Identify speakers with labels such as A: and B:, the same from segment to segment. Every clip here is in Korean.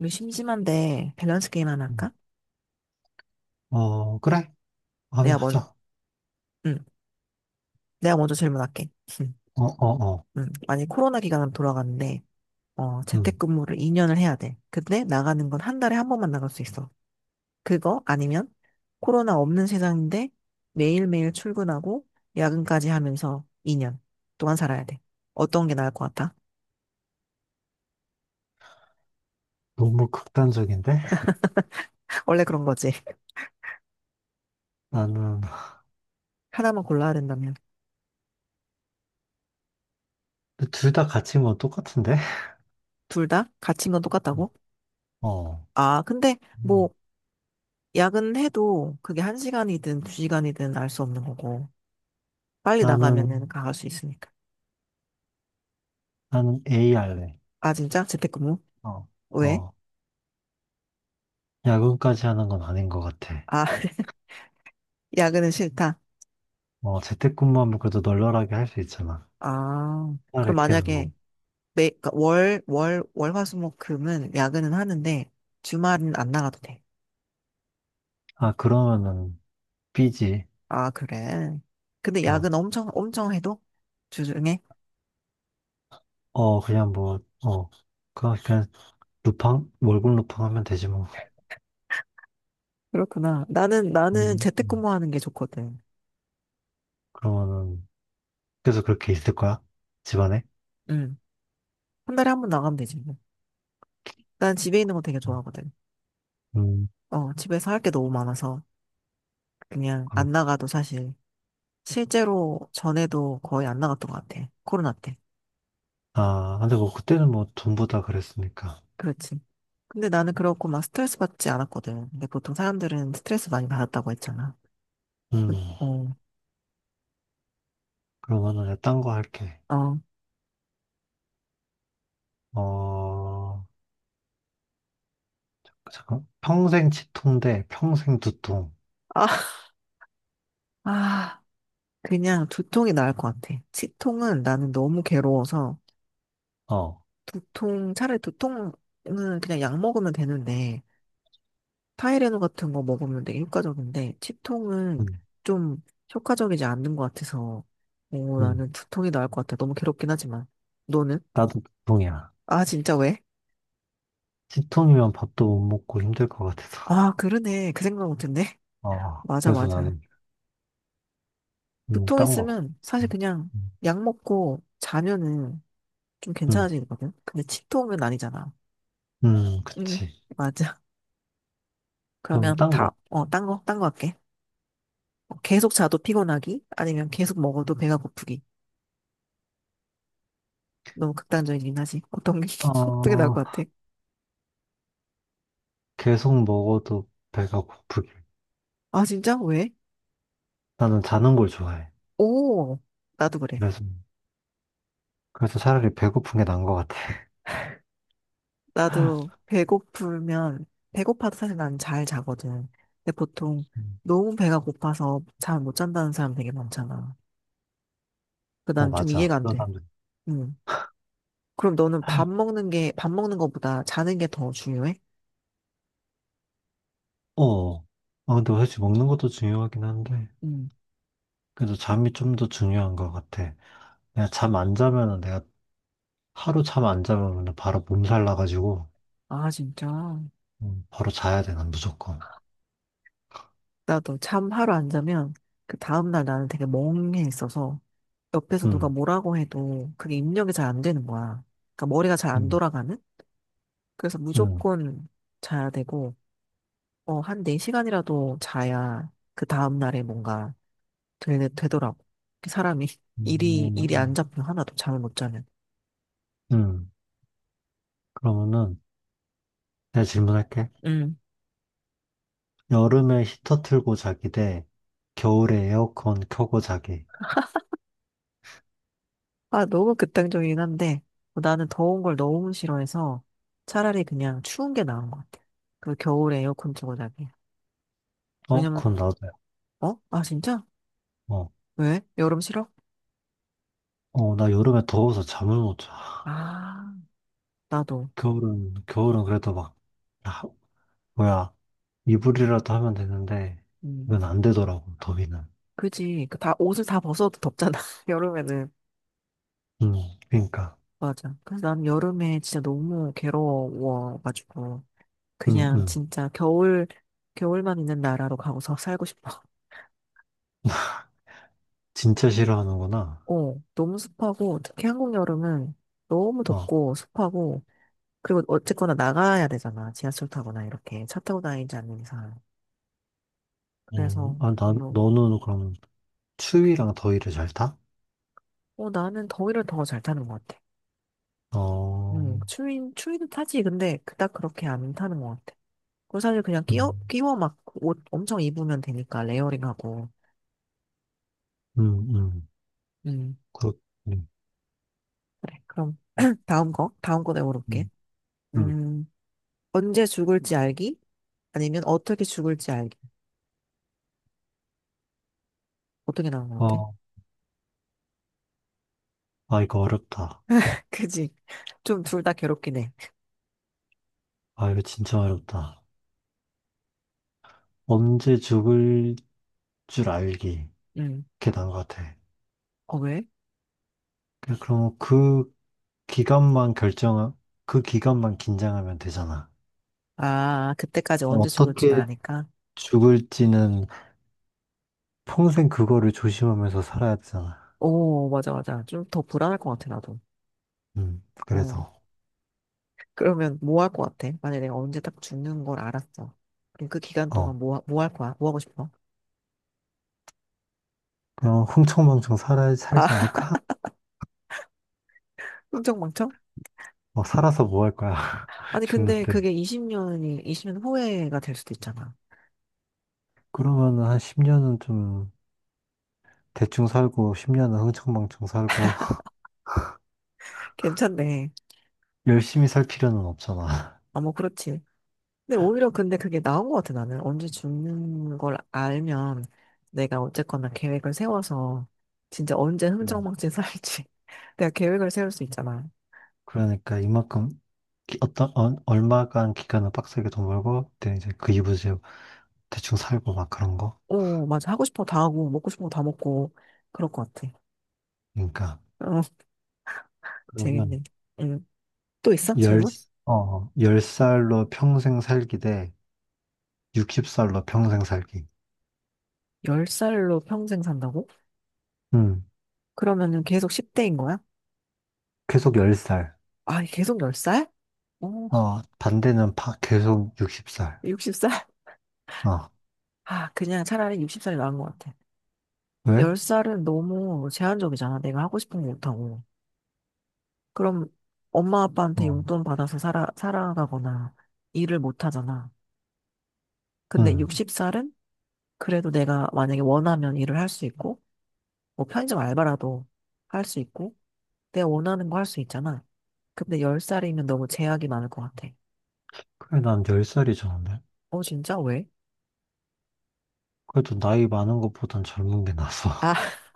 A: 우리 심심한데 밸런스 게임 하나
B: 음.
A: 할까?
B: 어, 그래. 하면
A: 내가 먼,
B: 하자.
A: 응, 내가 먼저 질문할게. 응,
B: 어, 어, 어.
A: 응. 만약 코로나 기간으로 돌아가는데,
B: 음,
A: 재택근무를 2년을 해야 돼. 근데 나가는 건 한 달에 한 번만 나갈 수 있어. 그거 아니면 코로나 없는 세상인데 매일매일 출근하고 야근까지 하면서 2년 동안 살아야 돼. 어떤 게 나을 것 같아?
B: 너무 극단적인데?
A: 원래 그런 거지.
B: 나는,
A: 하나만 골라야 된다면.
B: 둘 다 같이 뭐 똑같은데?
A: 둘 다? 갇힌 건
B: 음.
A: 똑같다고?
B: 어.
A: 아, 근데
B: 음.
A: 뭐, 야근해도 그게 1시간이든2시간이든 알 수 없는 거고. 빨리
B: 나는,
A: 나가면은 강할 수 있으니까.
B: 나는 A 할래.
A: 아, 진짜? 재택근무?
B: 어,
A: 왜?
B: 어. 야근까지 하는 건 아닌 것 같아.
A: 아, 야근은 싫다.
B: 어, 재택근무하면 그래도 널널하게 할 수 있잖아.
A: 아, 그럼
B: 차라리 그게 나은 거.
A: 만약에 그러니까 월, 화, 수, 목, 금은 야근은 하는데 주말은 안 나가도 돼.
B: 아, 그러면은 B지.
A: 아, 그래. 근데
B: 어,
A: 야근 엄청, 엄청 해도? 주중에?
B: 어, 그냥 뭐, 어. 그냥 루팡? 월급 루팡 하면 되지 뭐.
A: 그렇구나. 나는
B: 음. 음.
A: 재택근무하는 게 좋거든.
B: 그러면은, 계속 그렇게 있을 거야? 집안에?
A: 응. 한 달에 한 번 나가면 되지. 뭐. 난 집에 있는 거 되게 좋아하거든.
B: 음,
A: 집에서 할 게 너무 많아서 그냥 안
B: 그렇고.
A: 나가도 사실 실제로 전에도 거의 안 나갔던 것 같아. 코로나 때.
B: 아, 근데 뭐 그때는 뭐 전부 다 그랬으니까.
A: 그렇지. 근데 나는 그렇고 막 스트레스 받지 않았거든. 근데 보통 사람들은 스트레스 많이 받았다고 했잖아.
B: 음,
A: 그- 어,
B: 그러면은 내가 딴거 할게.
A: 어.
B: 어, 잠깐. 평생 치통 대 평생 두통.
A: 아, 아, 그냥 두통이 나을 것 같아. 치통은 나는 너무 괴로워서
B: 어,
A: 차라리 두통은 그냥 약 먹으면 되는데 타이레놀 같은 거 먹으면 되게 효과적인데 치통은
B: 음,
A: 좀 효과적이지 않는 것 같아서 오
B: 음.
A: 나는 두통이 나을 것 같아. 너무 괴롭긴 하지만. 너는?
B: 나도 두통이야.
A: 아, 진짜 왜?
B: 치통이면 밥도 못 먹고 힘들 것 같아서.
A: 아, 그러네. 그 생각 못했네.
B: 어,
A: 맞아,
B: 그래서
A: 맞아.
B: 나는,
A: 두통
B: 딴 거.
A: 있으면 사실 그냥
B: 음,
A: 약 먹고 자면은 좀
B: 음,
A: 괜찮아지거든. 근데 치통은 아니잖아. 응,
B: 그치.
A: 맞아.
B: 그럼
A: 그러면
B: 딴 거.
A: 딴 거 할게. 계속 자도 피곤하기? 아니면 계속 먹어도 배가 고프기? 너무 극단적이긴 하지. 어떻게 나올
B: 어,
A: 것 같아?
B: 계속 먹어도 배가 고프길.
A: 아, 진짜? 왜?
B: 나는 자는 걸 좋아해.
A: 오, 나도 그래.
B: 그래서. 그래서 차라리 배고픈 게 나은 것 같아.
A: 나도 배고프면, 배고파도 사실 난 잘 자거든. 근데 보통
B: 음.
A: 너무 배가 고파서 잘 못 잔다는 사람 되게 많잖아. 그
B: 어,
A: 난 좀
B: 맞아.
A: 이해가 안
B: 그런
A: 돼.
B: 사람들.
A: 응. 그럼 너는 밥 먹는 거보다 자는 게 더 중요해?
B: 어. 아, 근데 사실 먹는 것도 중요하긴 한데,
A: 응.
B: 그래도 잠이 좀 더 중요한 것 같아. 내가 하루 잠 안 자면은 바로 몸살 나가지고,
A: 아, 진짜.
B: 바로 자야 돼, 난 무조건.
A: 나도 잠 하루 안 자면 그 다음날 나는 되게 멍해 있어서 옆에서 누가
B: 응.
A: 뭐라고 해도 그게 입력이 잘 안 되는 거야. 그러니까 머리가 잘 안
B: 응.
A: 돌아가는? 그래서
B: 응.
A: 무조건 자야 되고, 한 4시간이라도 자야 그 다음날에 뭔가 되더라고. 그 사람이 일이 안
B: 음,
A: 잡혀. 하나도 잠을 못 자면.
B: 음. 그러면은, 내가 질문할게.
A: 음.
B: 여름에 히터 틀고 자기 대 겨울에 에어컨 켜고 자기.
A: 아, 너무 극단적이긴 한데 뭐 나는 더운 걸 너무 싫어해서 차라리 그냥 추운 게 나은 것 같아. 그 겨울에 에어컨 틀고 자기.
B: 어,
A: 왜냐면,
B: 그건 나도야.
A: 어? 아, 진짜?
B: 어,
A: 왜? 여름 싫어?
B: 어, 나 여름에 더워서 잠을 못 자.
A: 아, 나도.
B: 겨울은 그래도 막, 아, 뭐야, 이불이라도 하면 되는데,
A: 음.
B: 이건 안 되더라고, 더위는.
A: 그지. 옷을 다 벗어도 덥잖아. 여름에는.
B: 음, 그니까.
A: 맞아. 그래서 난 여름에 진짜 너무 괴로워가지고.
B: 음,
A: 그냥
B: 음.
A: 진짜 겨울만 있는 나라로 가고서 살고 싶어.
B: 진짜 싫어하는구나.
A: 너무 습하고, 특히 한국 여름은 너무
B: 어,
A: 덥고 습하고, 그리고 어쨌거나 나가야 되잖아. 지하철 타거나 이렇게 차 타고 다니지 않는 이상.
B: 어,
A: 그래서,
B: 아,
A: 뭐,
B: 너는 그럼 추위랑 더위를 잘 타?
A: 나는 더위를 더 잘 타는 것 같아.
B: 어,
A: 추위도 타지. 근데 그닥 그렇게 안 타는 것 같아. 그리고 사실 그냥
B: 음,
A: 끼워 막 옷 엄청 입으면 되니까, 레이어링하고.
B: 음, 음.
A: 음,
B: 그렇, 음,
A: 그래. 그럼
B: 음,
A: 다음 거 내가 물어볼게.
B: 음. 음.
A: 음, 언제 죽을지 알기? 아니면 어떻게 죽을지 알기? 어떻게 나온 것 같아?
B: 어, 아, 이거 어렵다.
A: 그지? 좀 둘 다 괴롭긴 해.
B: 아, 이거 진짜 어렵다. 언제 죽을 줄 알기.
A: 응.
B: 그게 나은 것 같아.
A: 왜?
B: 그냥 그럼 기간만 결정, 그 기간만 긴장하면 되잖아.
A: 아, 그때까지 언제 죽을지
B: 어떻게
A: 아니까?
B: 죽을지는 평생 그거를 조심하면서 살아야 되잖아.
A: 오, 맞아, 맞아. 좀 더 불안할 것 같아, 나도. 응.
B: 그래서,
A: 그러면 뭐 할 것 같아? 만약에 내가 언제 딱 죽는 걸 알았어. 그럼 그 기간
B: 어,
A: 동안 뭐 할 거야? 뭐 하고 싶어?
B: 그냥 흥청망청 살지
A: 아,
B: 않을까?
A: 흥청망청?
B: 어, 살아서 뭐 할 거야?
A: 아니, 근데
B: 죽는데.
A: 그게 20년 후회가 될 수도 있잖아.
B: 그러면은 한 10년은 좀 대충 살고, 10년은 흥청망청 살고,
A: 괜찮네.
B: 열심히 살 필요는 없잖아.
A: 아, 뭐, 그렇지. 근데 오히려 근데 그게 나은 것 같아, 나는. 언제 죽는 걸 알면 내가 어쨌거나 계획을 세워서 진짜 언제
B: 음.
A: 흥청망청 살지. 내가 계획을 세울 수 있잖아.
B: 그러니까 이만큼, 기- 어떤, 어, 얼마간 기간을 빡세게 돈 벌고, 그때 이제 그 이후에 대충 살고 막 그런 거.
A: 오, 맞아. 하고 싶은 거 다 하고, 먹고 싶은 거 다 먹고, 그럴 것 같아.
B: 그러니까
A: 어,
B: 그러면
A: 재밌네. 응. 또 있어?
B: 열,
A: 질문?
B: 열살로 평생 살기 대 60살로 평생 살기.
A: 10살로 평생 산다고?
B: 음,
A: 그러면은 계속 10대인 거야?
B: 계속 10살.
A: 아, 계속 10살? 오,
B: 어, 반대는 계속 60살.
A: 60살?
B: 어,
A: 아, 그냥 차라리 60살이 나은 것 같아.
B: 왜?
A: 10살은 너무 제한적이잖아. 내가 하고 싶은 거 못하고. 그럼 엄마 아빠한테
B: 어,
A: 용돈 받아서 살아가거나 일을 못 하잖아. 근데
B: 음.
A: 60살은 그래도 내가 만약에 원하면 일을 할 수 있고, 뭐 편의점 알바라도 할 수 있고, 내가 원하는 거 할 수 있잖아. 근데 10살이면 너무 제약이 많을 것 같아.
B: 그래, 난 10살이 좋은데.
A: 어, 진짜? 왜?
B: 그래도 나이 많은 것보단 젊은 게 나서.
A: 아,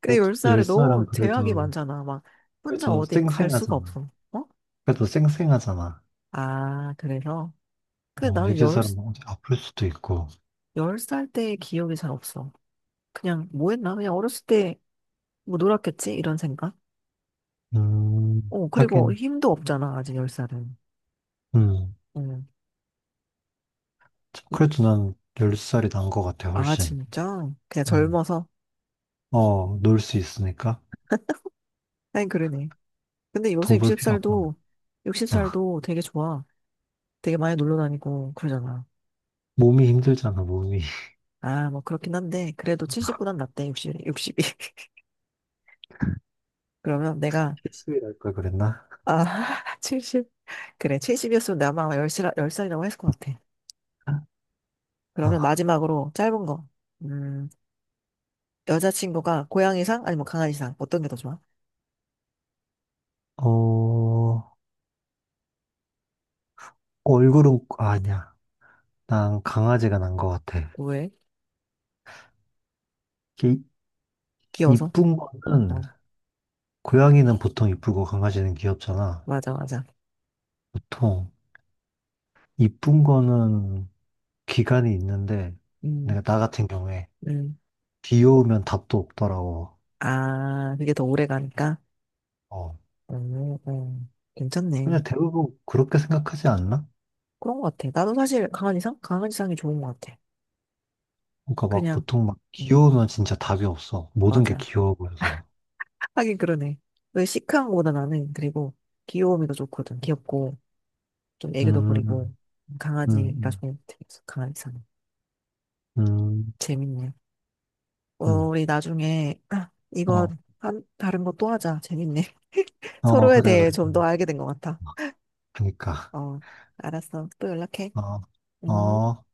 A: 근데
B: 그래도
A: 10살에
B: 10살은
A: 너무 제약이
B: 그래도,
A: 많잖아. 막 혼자
B: 그래도
A: 어디 갈 수가
B: 쌩쌩하잖아.
A: 없어. 어?
B: 그래도 쌩쌩하잖아.
A: 아, 그래서. 근데
B: 뭐,
A: 나는 열
B: 60살은 뭐 어디 아플 수도 있고.
A: 열 10살 때의 기억이 잘 없어. 그냥 뭐 했나? 그냥 어렸을 때 뭐 놀았겠지? 이런 생각? 그리고
B: 하긴,
A: 힘도 없잖아, 아직 10살은.
B: 음.
A: 응. 이-
B: 그래도 난 10살이 난 것 같아,
A: 아,
B: 훨씬.
A: 진짜? 그냥
B: 음.
A: 젊어서?
B: 어, 놀 수 있으니까
A: 하긴 그러네. 근데 요새
B: 돈 벌 필요 없잖아.
A: 60살도,
B: 아,
A: 60살도 되게 좋아. 되게 많이 놀러 다니고 그러잖아.
B: 몸이 힘들잖아, 몸이.
A: 아, 뭐 그렇긴 한데, 그래도 70보단 낫대, 육십이 그러면 내가,
B: 실수일할 걸 그랬나?
A: 아, 70. 그래, 70이었으면 내가 아마 10살, 10살이라고 했을 것 같아. 그러면
B: 아,
A: 마지막으로 짧은 거. 음, 여자친구가 고양이상? 아니면 강아지상? 어떤 게 더 좋아?
B: 어, 아, 아니야. 난 강아지가 난 것 같아.
A: 왜?
B: 이,
A: 귀여워서?
B: 이쁜 거는,
A: 어,
B: 고양이는 보통 이쁘고 강아지는 귀엽잖아.
A: 맞아, 맞아.
B: 보통, 이쁜 거는 기간이 있는데,
A: 음.
B: 내가 나 같은 경우에,
A: 음.
B: 귀여우면 답도 없더라고.
A: 아, 그게 더 오래 가니까?
B: 어,
A: 괜찮네.
B: 그냥 대부분 그렇게 생각하지 않나?
A: 그런 것 같아. 나도 사실 강아지상? 강아지상이 좋은 것 같아.
B: 그러니까 막
A: 그냥,
B: 보통 막
A: 음,
B: 귀여우면 진짜 답이 없어. 모든 게
A: 맞아.
B: 귀여워 보여서.
A: 하긴 그러네. 왜 시크한 거보다 그리고 귀여움이 더 좋거든. 귀엽고, 좀 애교도
B: 음,
A: 부리고,
B: 음,
A: 강아지가
B: 음,
A: 좋은 것 같아. 강아지상.
B: 음,
A: 재밌네.
B: 음.
A: 우리 나중에, 아,
B: 어,
A: 다른 거 또 하자. 재밌네.
B: 어,
A: 서로에
B: 그래,
A: 대해
B: 그래.
A: 좀 더 알게 된 것 같아.
B: 그니까.
A: 어, 알았어. 또 연락해.
B: 어,
A: 음.
B: 어.